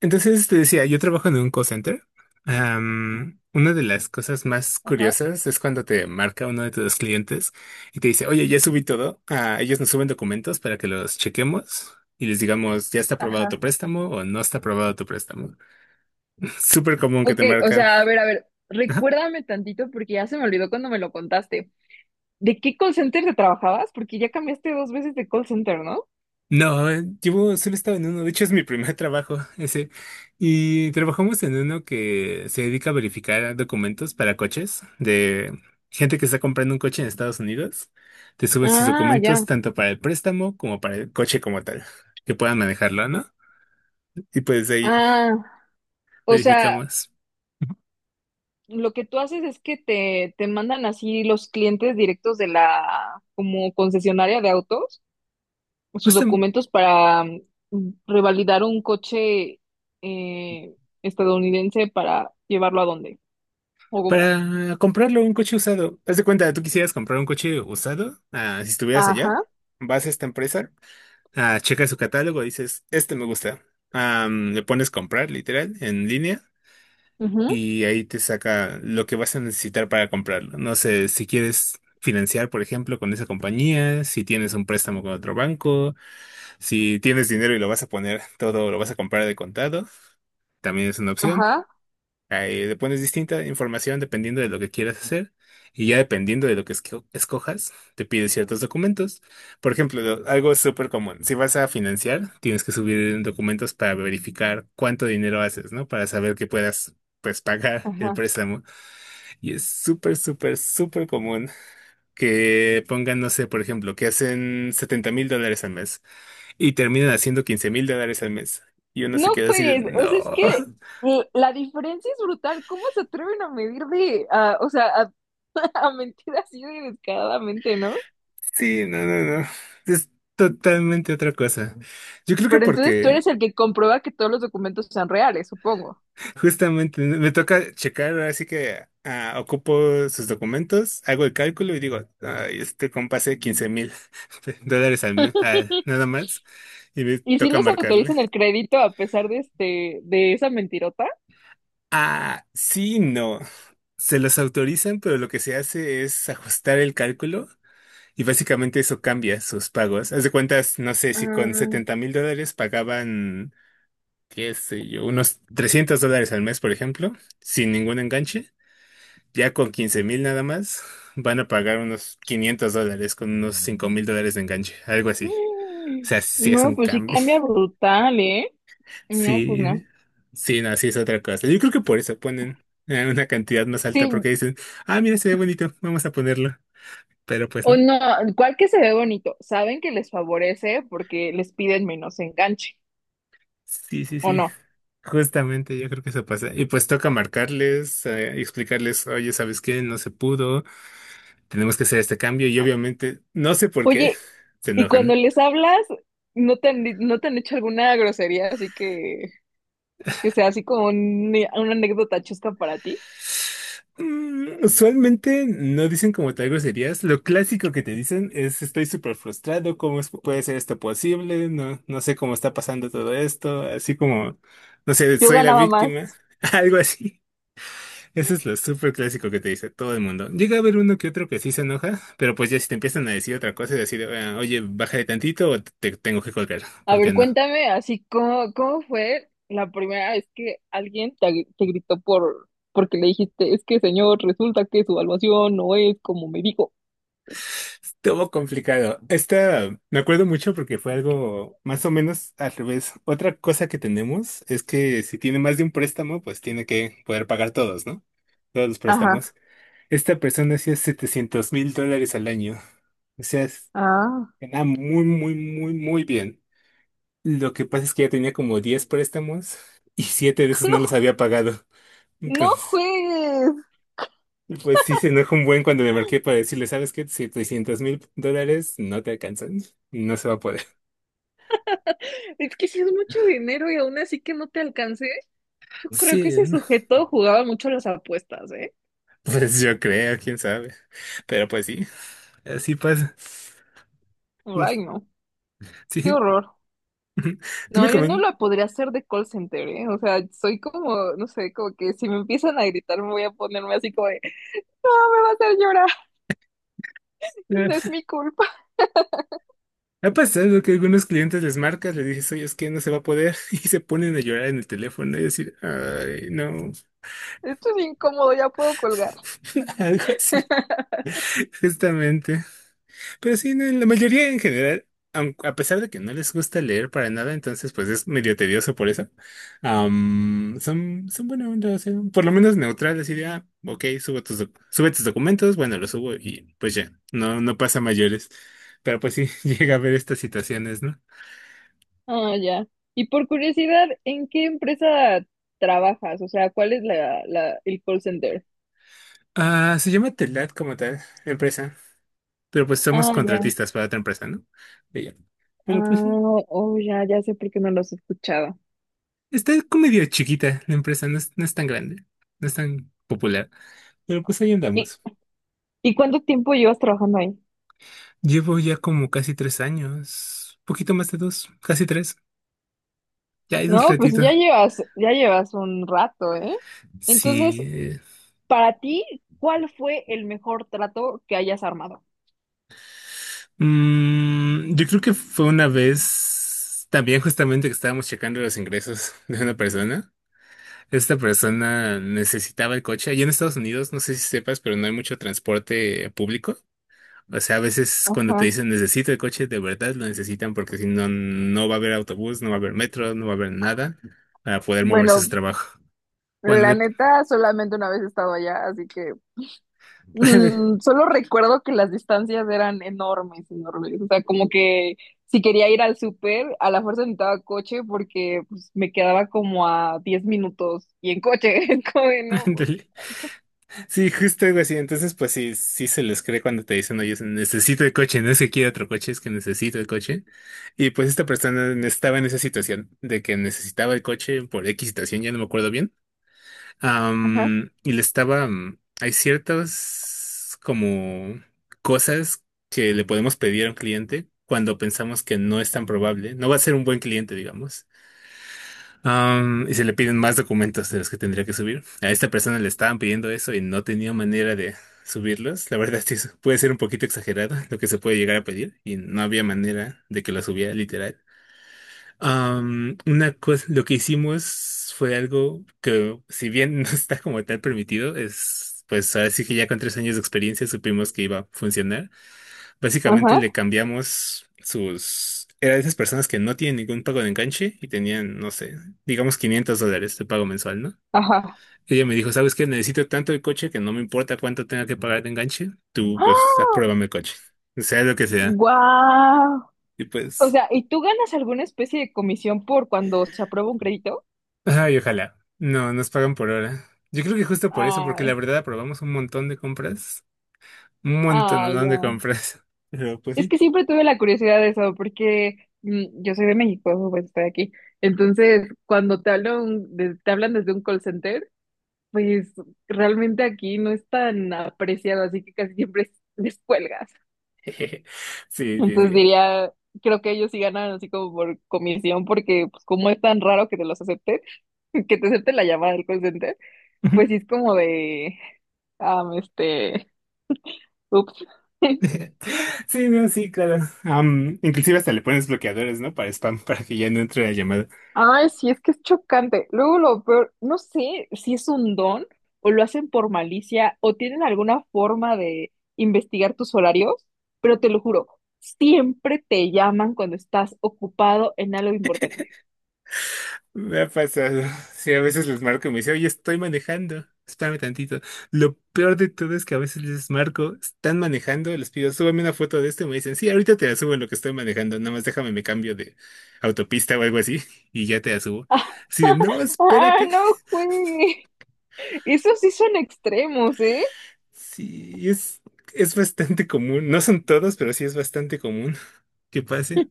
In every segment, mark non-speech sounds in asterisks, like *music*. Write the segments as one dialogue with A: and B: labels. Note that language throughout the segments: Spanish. A: Entonces te decía, yo trabajo en un call center. Una de las cosas más
B: Ajá,
A: curiosas es cuando te marca uno de tus clientes y te dice, oye, ya subí todo. Ah, ellos nos suben documentos para que los chequemos y les digamos, ya está aprobado tu
B: ajá.
A: préstamo o no está aprobado tu préstamo. *laughs* Súper común que
B: Ok,
A: te
B: o
A: marcan.
B: sea, a ver, recuérdame tantito porque ya se me olvidó cuando me lo contaste. ¿De qué call center te trabajabas? Porque ya cambiaste dos veces de call center, ¿no?
A: No, llevo, solo he estado en uno, de hecho es mi primer trabajo *laughs* ese. Y trabajamos en uno que se dedica a verificar documentos para coches de gente que está comprando un coche en Estados Unidos. Te suben sus
B: Ah,
A: documentos
B: ya.
A: tanto para el préstamo como para el coche como tal, que puedan manejarlo, ¿no? Y pues ahí
B: Ah, o sea,
A: verificamos.
B: lo que tú haces es que te mandan así los clientes directos de la como concesionaria de autos, sus
A: Justo
B: documentos para revalidar un coche eh, estadounidense para llevarlo a dónde o cómo.
A: para comprarlo un coche usado. Haz de cuenta, tú quisieras comprar un coche usado, ah, si estuvieras allá,
B: Ajá,
A: vas a esta empresa. Ah, checa su catálogo, dices, este me gusta. Le pones comprar, literal, en línea,
B: ujú,
A: y ahí te saca lo que vas a necesitar para comprarlo. No sé, si quieres financiar, por ejemplo, con esa compañía, si tienes un préstamo con otro banco, si tienes dinero y lo vas a poner todo, lo vas a comprar de contado, también es una opción.
B: ajá,
A: Ahí le pones distinta información dependiendo de lo que quieras hacer y ya dependiendo de lo que escojas, te pide ciertos documentos. Por ejemplo, algo súper común, si vas a financiar, tienes que subir documentos para verificar cuánto dinero haces, ¿no? Para saber que puedas, pues, pagar el
B: ajá.
A: préstamo. Y es súper, súper, súper común que pongan, no sé, por ejemplo, que hacen $70,000 al mes y terminan haciendo $15,000 al mes. Y uno se
B: No
A: queda así de,
B: juegues, o sea, es
A: no.
B: que la diferencia es brutal. ¿Cómo se atreven a o sea, a, *laughs* a mentir así de descaradamente? ¿No?
A: Sí, no, no, no. Es totalmente otra cosa. Yo creo que
B: Pero entonces tú
A: porque
B: eres el que comprueba que todos los documentos sean reales, supongo.
A: justamente me toca checar, ahora sí que ocupo sus documentos, hago el cálculo y digo, "Ay, este compa hace 15,000 *laughs* dólares al mes, nada más, y me
B: ¿Y si
A: toca
B: les
A: marcarle.
B: autorizan el crédito a pesar de de esa mentirota?
A: Ah, sí, no. Se los autorizan, pero lo que se hace es ajustar el cálculo y básicamente eso cambia sus pagos. Haz de cuentas, no sé si con
B: Ah,
A: $70,000 pagaban. Qué sé yo, unos $300 al mes, por ejemplo, sin ningún enganche, ya con 15,000 nada más, van a pagar unos $500 con unos $5,000 de enganche, algo así. O sea, sí es
B: no,
A: un
B: pues sí
A: cambio.
B: cambia
A: *laughs*
B: brutal, ¿eh? No, pues
A: Sí,
B: no.
A: sí, no, sí es otra cosa. Yo creo que por eso ponen una cantidad más alta, porque
B: Sí,
A: dicen, ah, mira, se ve bonito, vamos a ponerlo. Pero pues
B: o
A: no.
B: no, ¿cuál que se ve bonito? Saben que les favorece porque les piden menos enganche,
A: Sí, sí,
B: ¿o
A: sí.
B: no?
A: Justamente yo creo que eso pasa. Y pues toca marcarles, explicarles, oye, ¿sabes qué? No se pudo. Tenemos que hacer este cambio y obviamente, no sé por qué,
B: Oye,
A: *laughs* se
B: y cuando
A: enojan.
B: les hablas, no te han hecho alguna grosería, así que sea así como una anécdota chusca para ti.
A: Usualmente no dicen como tal groserías. Lo clásico que te dicen es estoy súper frustrado, ¿cómo puede ser esto posible? No, no sé cómo está pasando todo esto, así como, no sé,
B: Yo
A: soy la
B: ganaba más.
A: víctima, *laughs* algo así. Eso es lo súper clásico que te dice todo el mundo. Llega a haber uno que otro que sí se enoja, pero pues ya si te empiezan a decir otra cosa y decir, "Ah, oye, bájale tantito o te tengo que colgar,
B: A
A: ¿por qué
B: ver,
A: no?
B: cuéntame, así cómo fue la primera vez que alguien te gritó porque le dijiste, es que señor, resulta que su evaluación no es como me dijo.
A: Estuvo complicado. Esta me acuerdo mucho porque fue algo más o menos al revés. Otra cosa que tenemos es que si tiene más de un préstamo, pues tiene que poder pagar todos, ¿no? Todos los
B: Ajá.
A: préstamos. Esta persona hacía $700,000 al año. O sea,
B: Ah.
A: ganaba muy, muy, muy, muy bien. Lo que pasa es que ya tenía como 10 préstamos y 7 de
B: *laughs*
A: esos no
B: No,
A: los había pagado. *laughs*
B: no juegues.
A: Entonces, pues sí se enojó un buen cuando le marqué para decirle, ¿sabes qué? $700,000 no te alcanzan. No se va a poder.
B: Es que si es mucho dinero y aún así que no te alcancé. Yo creo que
A: Sí,
B: ese
A: ¿no?
B: sujeto jugaba mucho las apuestas, ¿eh?
A: *laughs* pues yo creo, quién sabe. Pero pues sí, así pasa.
B: Ay,
A: Pues,
B: no. Qué
A: sí.
B: horror.
A: *laughs* Tú
B: No,
A: me
B: yo no
A: comentas.
B: la podría hacer de call center, ¿eh? O sea, soy como, no sé, como que si me empiezan a gritar me voy a ponerme así como de, no, me va a hacer llorar, *laughs* no es mi culpa,
A: Ha pasado que algunos clientes les marcas, les dices, oye, es que no se va a poder, *laughs* y se ponen a llorar en el teléfono y decir, ay, no.
B: *laughs* esto es incómodo, ya puedo colgar.
A: *laughs* Algo así. Justamente. Pero sí, no la mayoría en general, a pesar de que no les gusta leer para nada, entonces pues es medio tedioso por eso. Son, son buena onda, o sea, por lo menos neutrales y de, ah, ok, sube tus documentos, bueno, los subo y pues ya, no, no pasa mayores. Pero pues sí, *laughs* llega a haber estas situaciones, ¿no?
B: Ah, ya. Y por curiosidad, ¿en qué empresa trabajas? O sea, ¿cuál es la, el call center?
A: Ah, se llama Telat como tal, la empresa. Pero pues somos
B: Ah, ya.
A: contratistas para otra empresa, ¿no? De ella.
B: Ah,
A: Pero pues sí,
B: oh, ya, ya sé por qué no los he escuchado.
A: está como medio chiquita la empresa, no es, no es tan grande, no es tan popular. Pero pues ahí
B: ¿Y,
A: andamos.
B: y cuánto tiempo llevas trabajando ahí?
A: Llevo ya como casi 3 años, poquito más de dos, casi tres. Ya es un
B: No, pues
A: ratito.
B: ya llevas un rato, ¿eh?
A: Sí.
B: Entonces, para ti, ¿cuál fue el mejor trato que hayas armado?
A: Yo creo que fue una vez también justamente que estábamos checando los ingresos *laughs* de una persona. Esta persona necesitaba el coche. Allá en Estados Unidos, no sé si sepas, pero no hay mucho transporte público. O sea, a veces cuando te
B: Ajá.
A: dicen necesito el coche, de verdad lo necesitan porque si no, no va a haber autobús, no va a haber metro, no va a haber nada para poder moverse a su
B: Bueno,
A: trabajo. Cuando
B: la neta, solamente una vez he estado allá, así que
A: *laughs*
B: solo recuerdo que las distancias eran enormes, enormes. O sea, como que si quería ir al súper, a la fuerza necesitaba coche porque pues, me quedaba como a 10 minutos y en coche, *laughs* es como de, no, pues,
A: ándale. Sí, justo algo así. Entonces, pues sí, sí se les cree cuando te dicen, oye, necesito el coche, no es que quiera otro coche, es que necesito el coche. Y pues esta persona estaba en esa situación de que necesitaba el coche por X situación, ya no me acuerdo bien.
B: Ajá,
A: Y le estaba, hay ciertas como cosas que le podemos pedir a un cliente cuando pensamos que no es tan probable, no va a ser un buen cliente, digamos. Y se le piden más documentos de los que tendría que subir. A esta persona le estaban pidiendo eso y no tenía manera de subirlos. La verdad, *laughs* sí, puede ser un poquito exagerado lo que se puede llegar a pedir y no había manera de que lo subiera literal. Una cosa, lo que hicimos fue algo que, si bien *laughs* no está como tal permitido, es pues así que ya con 3 años de experiencia supimos que iba a funcionar. Básicamente
B: ajá,
A: le cambiamos sus... Era de esas personas que no tienen ningún pago de enganche y tenían, no sé, digamos $500 de pago mensual, ¿no?
B: ajá.
A: Ella me dijo, ¿sabes qué? Necesito tanto el coche que no me importa cuánto tenga que pagar de enganche. Tú, pues, apruébame el coche. Sea lo que sea.
B: ¡Guau!
A: Y
B: O
A: pues...
B: sea, ¿y tú ganas alguna especie de comisión por cuando se aprueba un crédito?
A: Ay, ojalá. No, nos pagan por hora. Yo creo que justo por eso, porque la
B: Ay.
A: verdad aprobamos un montón de compras. Un
B: Ah,
A: montón de
B: ya.
A: compras. *laughs* Pero, pues
B: Es
A: sí.
B: que siempre tuve la curiosidad de eso, porque yo soy de México, pues estoy aquí. Entonces, cuando te hablan, te hablan desde un call center, pues realmente aquí no es tan apreciado, así que casi siempre les cuelgas.
A: *laughs* Sí,
B: Entonces
A: sí,
B: diría, creo que ellos sí ganan así como por comisión, porque pues como es tan raro que te los acepten, *laughs* que te acepten la llamada del call center,
A: sí.
B: pues sí es como de, ah, este, ups. *laughs*
A: *laughs* Sí, no, sí, claro. Inclusive hasta le pones bloqueadores, ¿no? Para spam, para que ya no entre la llamada.
B: Ay, sí, es que es chocante. Luego lo peor, no sé si es un don o lo hacen por malicia o tienen alguna forma de investigar tus horarios, pero te lo juro, siempre te llaman cuando estás ocupado en algo importante.
A: Me ha pasado. Sí, a veces les marco y me dice, oye, estoy manejando. Espérame tantito. Lo peor de todo es que a veces les marco, están manejando, les pido, súbame una foto de esto y me dicen, sí, ahorita te la subo en lo que estoy manejando, nada más déjame me cambio de autopista o algo así *laughs* y ya te la subo.
B: *laughs*
A: Así de, no,
B: Ah,
A: espérate.
B: no,
A: *laughs*
B: güey. Esos sí son extremos, ¿eh?
A: Sí, es bastante común. No son todos, pero sí es bastante común que pase.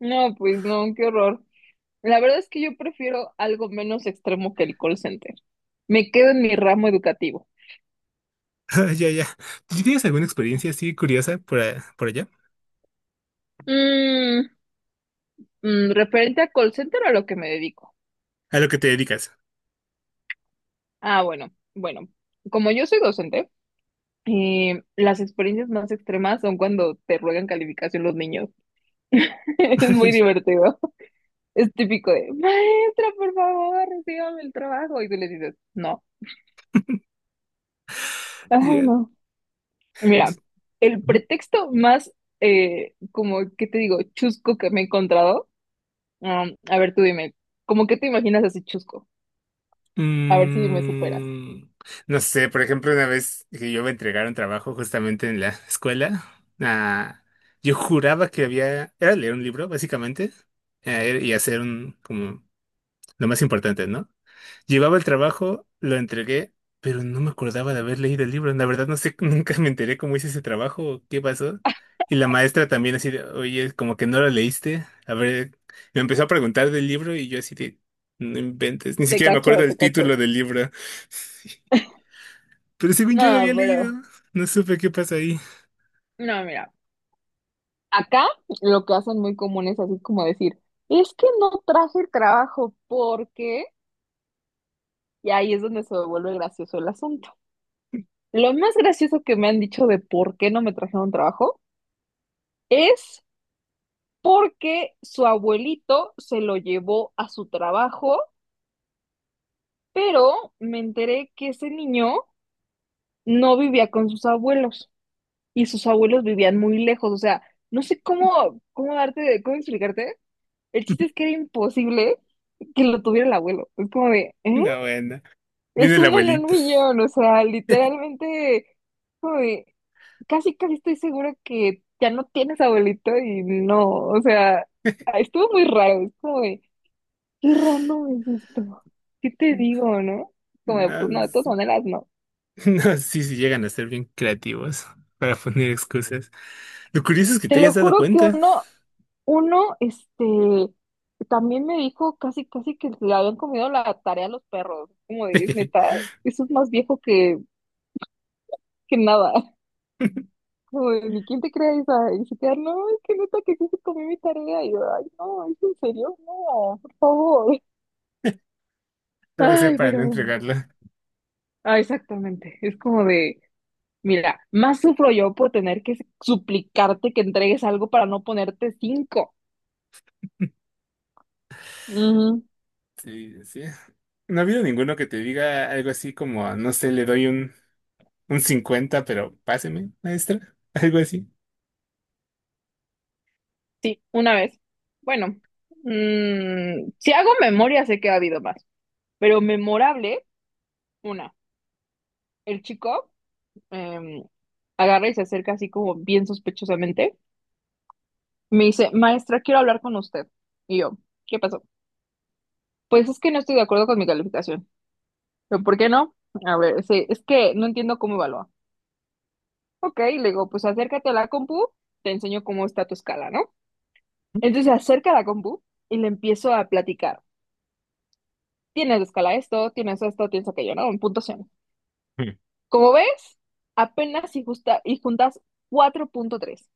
B: No, pues no, qué horror. La verdad es que yo prefiero algo menos extremo que el call center. Me quedo en mi ramo educativo.
A: *laughs* Ya, ya. ¿Tú sí tienes alguna experiencia así curiosa por, por allá?
B: Mm, Referente a call center a lo que me dedico.
A: A lo que te dedicas.
B: Ah, bueno, bueno, como yo soy docente, las experiencias más extremas son cuando te ruegan calificación los niños. *laughs* Es muy
A: *laughs*
B: divertido. Es típico de, maestra, por favor, recíbame el trabajo. Y tú les dices, no. Ay,
A: Ya.
B: no. Mira, el
A: Ujú.
B: pretexto más, como, ¿qué te digo? Chusco que me he encontrado. A ver, tú dime, ¿cómo que te imaginas así chusco? A ver si me superas.
A: Mm, no sé, por ejemplo, una vez que yo me entregaron trabajo justamente en la escuela, ah, yo juraba que había, era leer un libro, básicamente, y hacer un, como, lo más importante, ¿no? Llevaba el trabajo, lo entregué, pero no me acordaba de haber leído el libro. La verdad no sé, *laughs* nunca me enteré cómo hice ese trabajo, o qué pasó. Y la maestra también así de, oye, como que no lo leíste. A ver, me empezó a preguntar del libro y yo así de, no inventes, ni
B: Te
A: siquiera me acuerdo
B: cacho,
A: el
B: te cacho.
A: título del libro. *laughs* Pero según yo lo
B: No,
A: había
B: pero,
A: leído, no supe qué pasa ahí.
B: no, mira. Acá lo que hacen muy común es así como decir, es que no traje el trabajo porque, y ahí es donde se vuelve gracioso el asunto. Lo más gracioso que me han dicho de por qué no me trajeron trabajo es porque su abuelito se lo llevó a su trabajo, pero me enteré que ese niño no vivía con sus abuelos y sus abuelos vivían muy lejos, o sea, no sé cómo, cómo darte, cómo explicarte. El chiste es que
A: *laughs*
B: era imposible que lo tuviera el abuelo. Es como de, ¿eh?
A: No, bueno, viene
B: Es
A: el
B: uno en un
A: abuelito.
B: millón, o sea, literalmente, como de, casi, casi estoy segura que ya no tienes abuelito y no, o sea, estuvo muy raro, es como de, qué random es esto, ¿qué te digo, no? Como de, pues no,
A: No,
B: de todas maneras, no.
A: *laughs* no, sí, sí llegan a ser bien creativos para poner excusas. Lo curioso es que
B: Te
A: te
B: lo
A: hayas dado
B: juro que
A: cuenta.
B: uno, este, también me dijo casi, casi que le habían comido la tarea a los perros. Como de, es neta,
A: *laughs*
B: eso es más viejo que nada. *laughs* Como de, ni quién te cree esa. Y se quedan, no, es que neta que sí se comió mi tarea. Y yo, ay, no, es en serio, no, por favor.
A: O sea,
B: Ay,
A: para
B: pero
A: no
B: bueno.
A: entregarla.
B: Ah, exactamente. Es como de, mira, más sufro yo por tener que suplicarte que entregues algo para no ponerte cinco.
A: Sí, sí. No ha habido ninguno que te diga algo así como, no sé, le doy un, 50 pero páseme, maestra. *laughs* Algo así.
B: Sí, una vez. Bueno, si hago memoria, sé que ha habido más, pero memorable, una. El chico em, agarra y se acerca así como bien sospechosamente. Me dice, maestra, quiero hablar con usted. Y yo, ¿qué pasó? Pues es que no estoy de acuerdo con mi calificación. Pero, ¿por qué no? A ver, sí, es que no entiendo cómo evalúa. Ok, le digo, pues acércate a la compu, te enseño cómo está tu escala, ¿no? Entonces se acerca a la compu y le empiezo a platicar. Tienes de escala esto, tienes aquello, ¿no? En puntuación.
A: Mm.
B: Como ves, apenas y y juntas 4.3.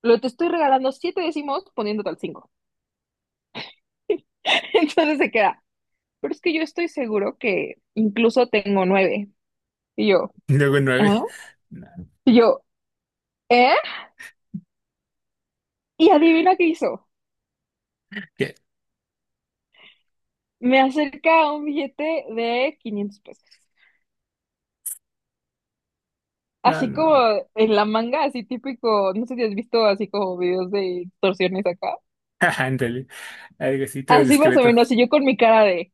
B: Lo te estoy regalando 7 décimos poniéndote al 5. *laughs* Entonces se queda. Pero es que yo estoy seguro que incluso tengo 9. Y yo,
A: Y luego
B: ¿eh?
A: nueve. No,
B: Y yo, ¿eh? Y adivina qué hizo.
A: ¿qué?
B: Me acerca un billete de 500 pesos.
A: No,
B: Así
A: no.
B: como
A: No.
B: en la manga, así típico, no sé si has visto así como videos de extorsiones acá.
A: *laughs* Ándale. Algo así, todo
B: Así más o
A: discreto.
B: menos, y yo con mi cara de,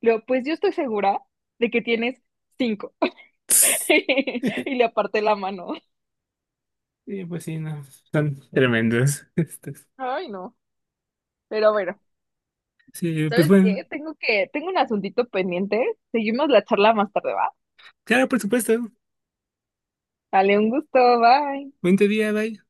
B: le digo, pues yo estoy segura de que tienes cinco. *laughs* Y le
A: *laughs*
B: aparté la mano.
A: Sí, pues sí, no. Son tremendos. *laughs* estos.
B: Ay, no. Pero bueno,
A: Sí, pues
B: ¿sabes
A: bueno.
B: qué? Tengo un asuntito pendiente. Seguimos la charla más tarde, ¿va?
A: Claro, por supuesto.
B: Dale un gusto, bye.
A: Buen día, bye.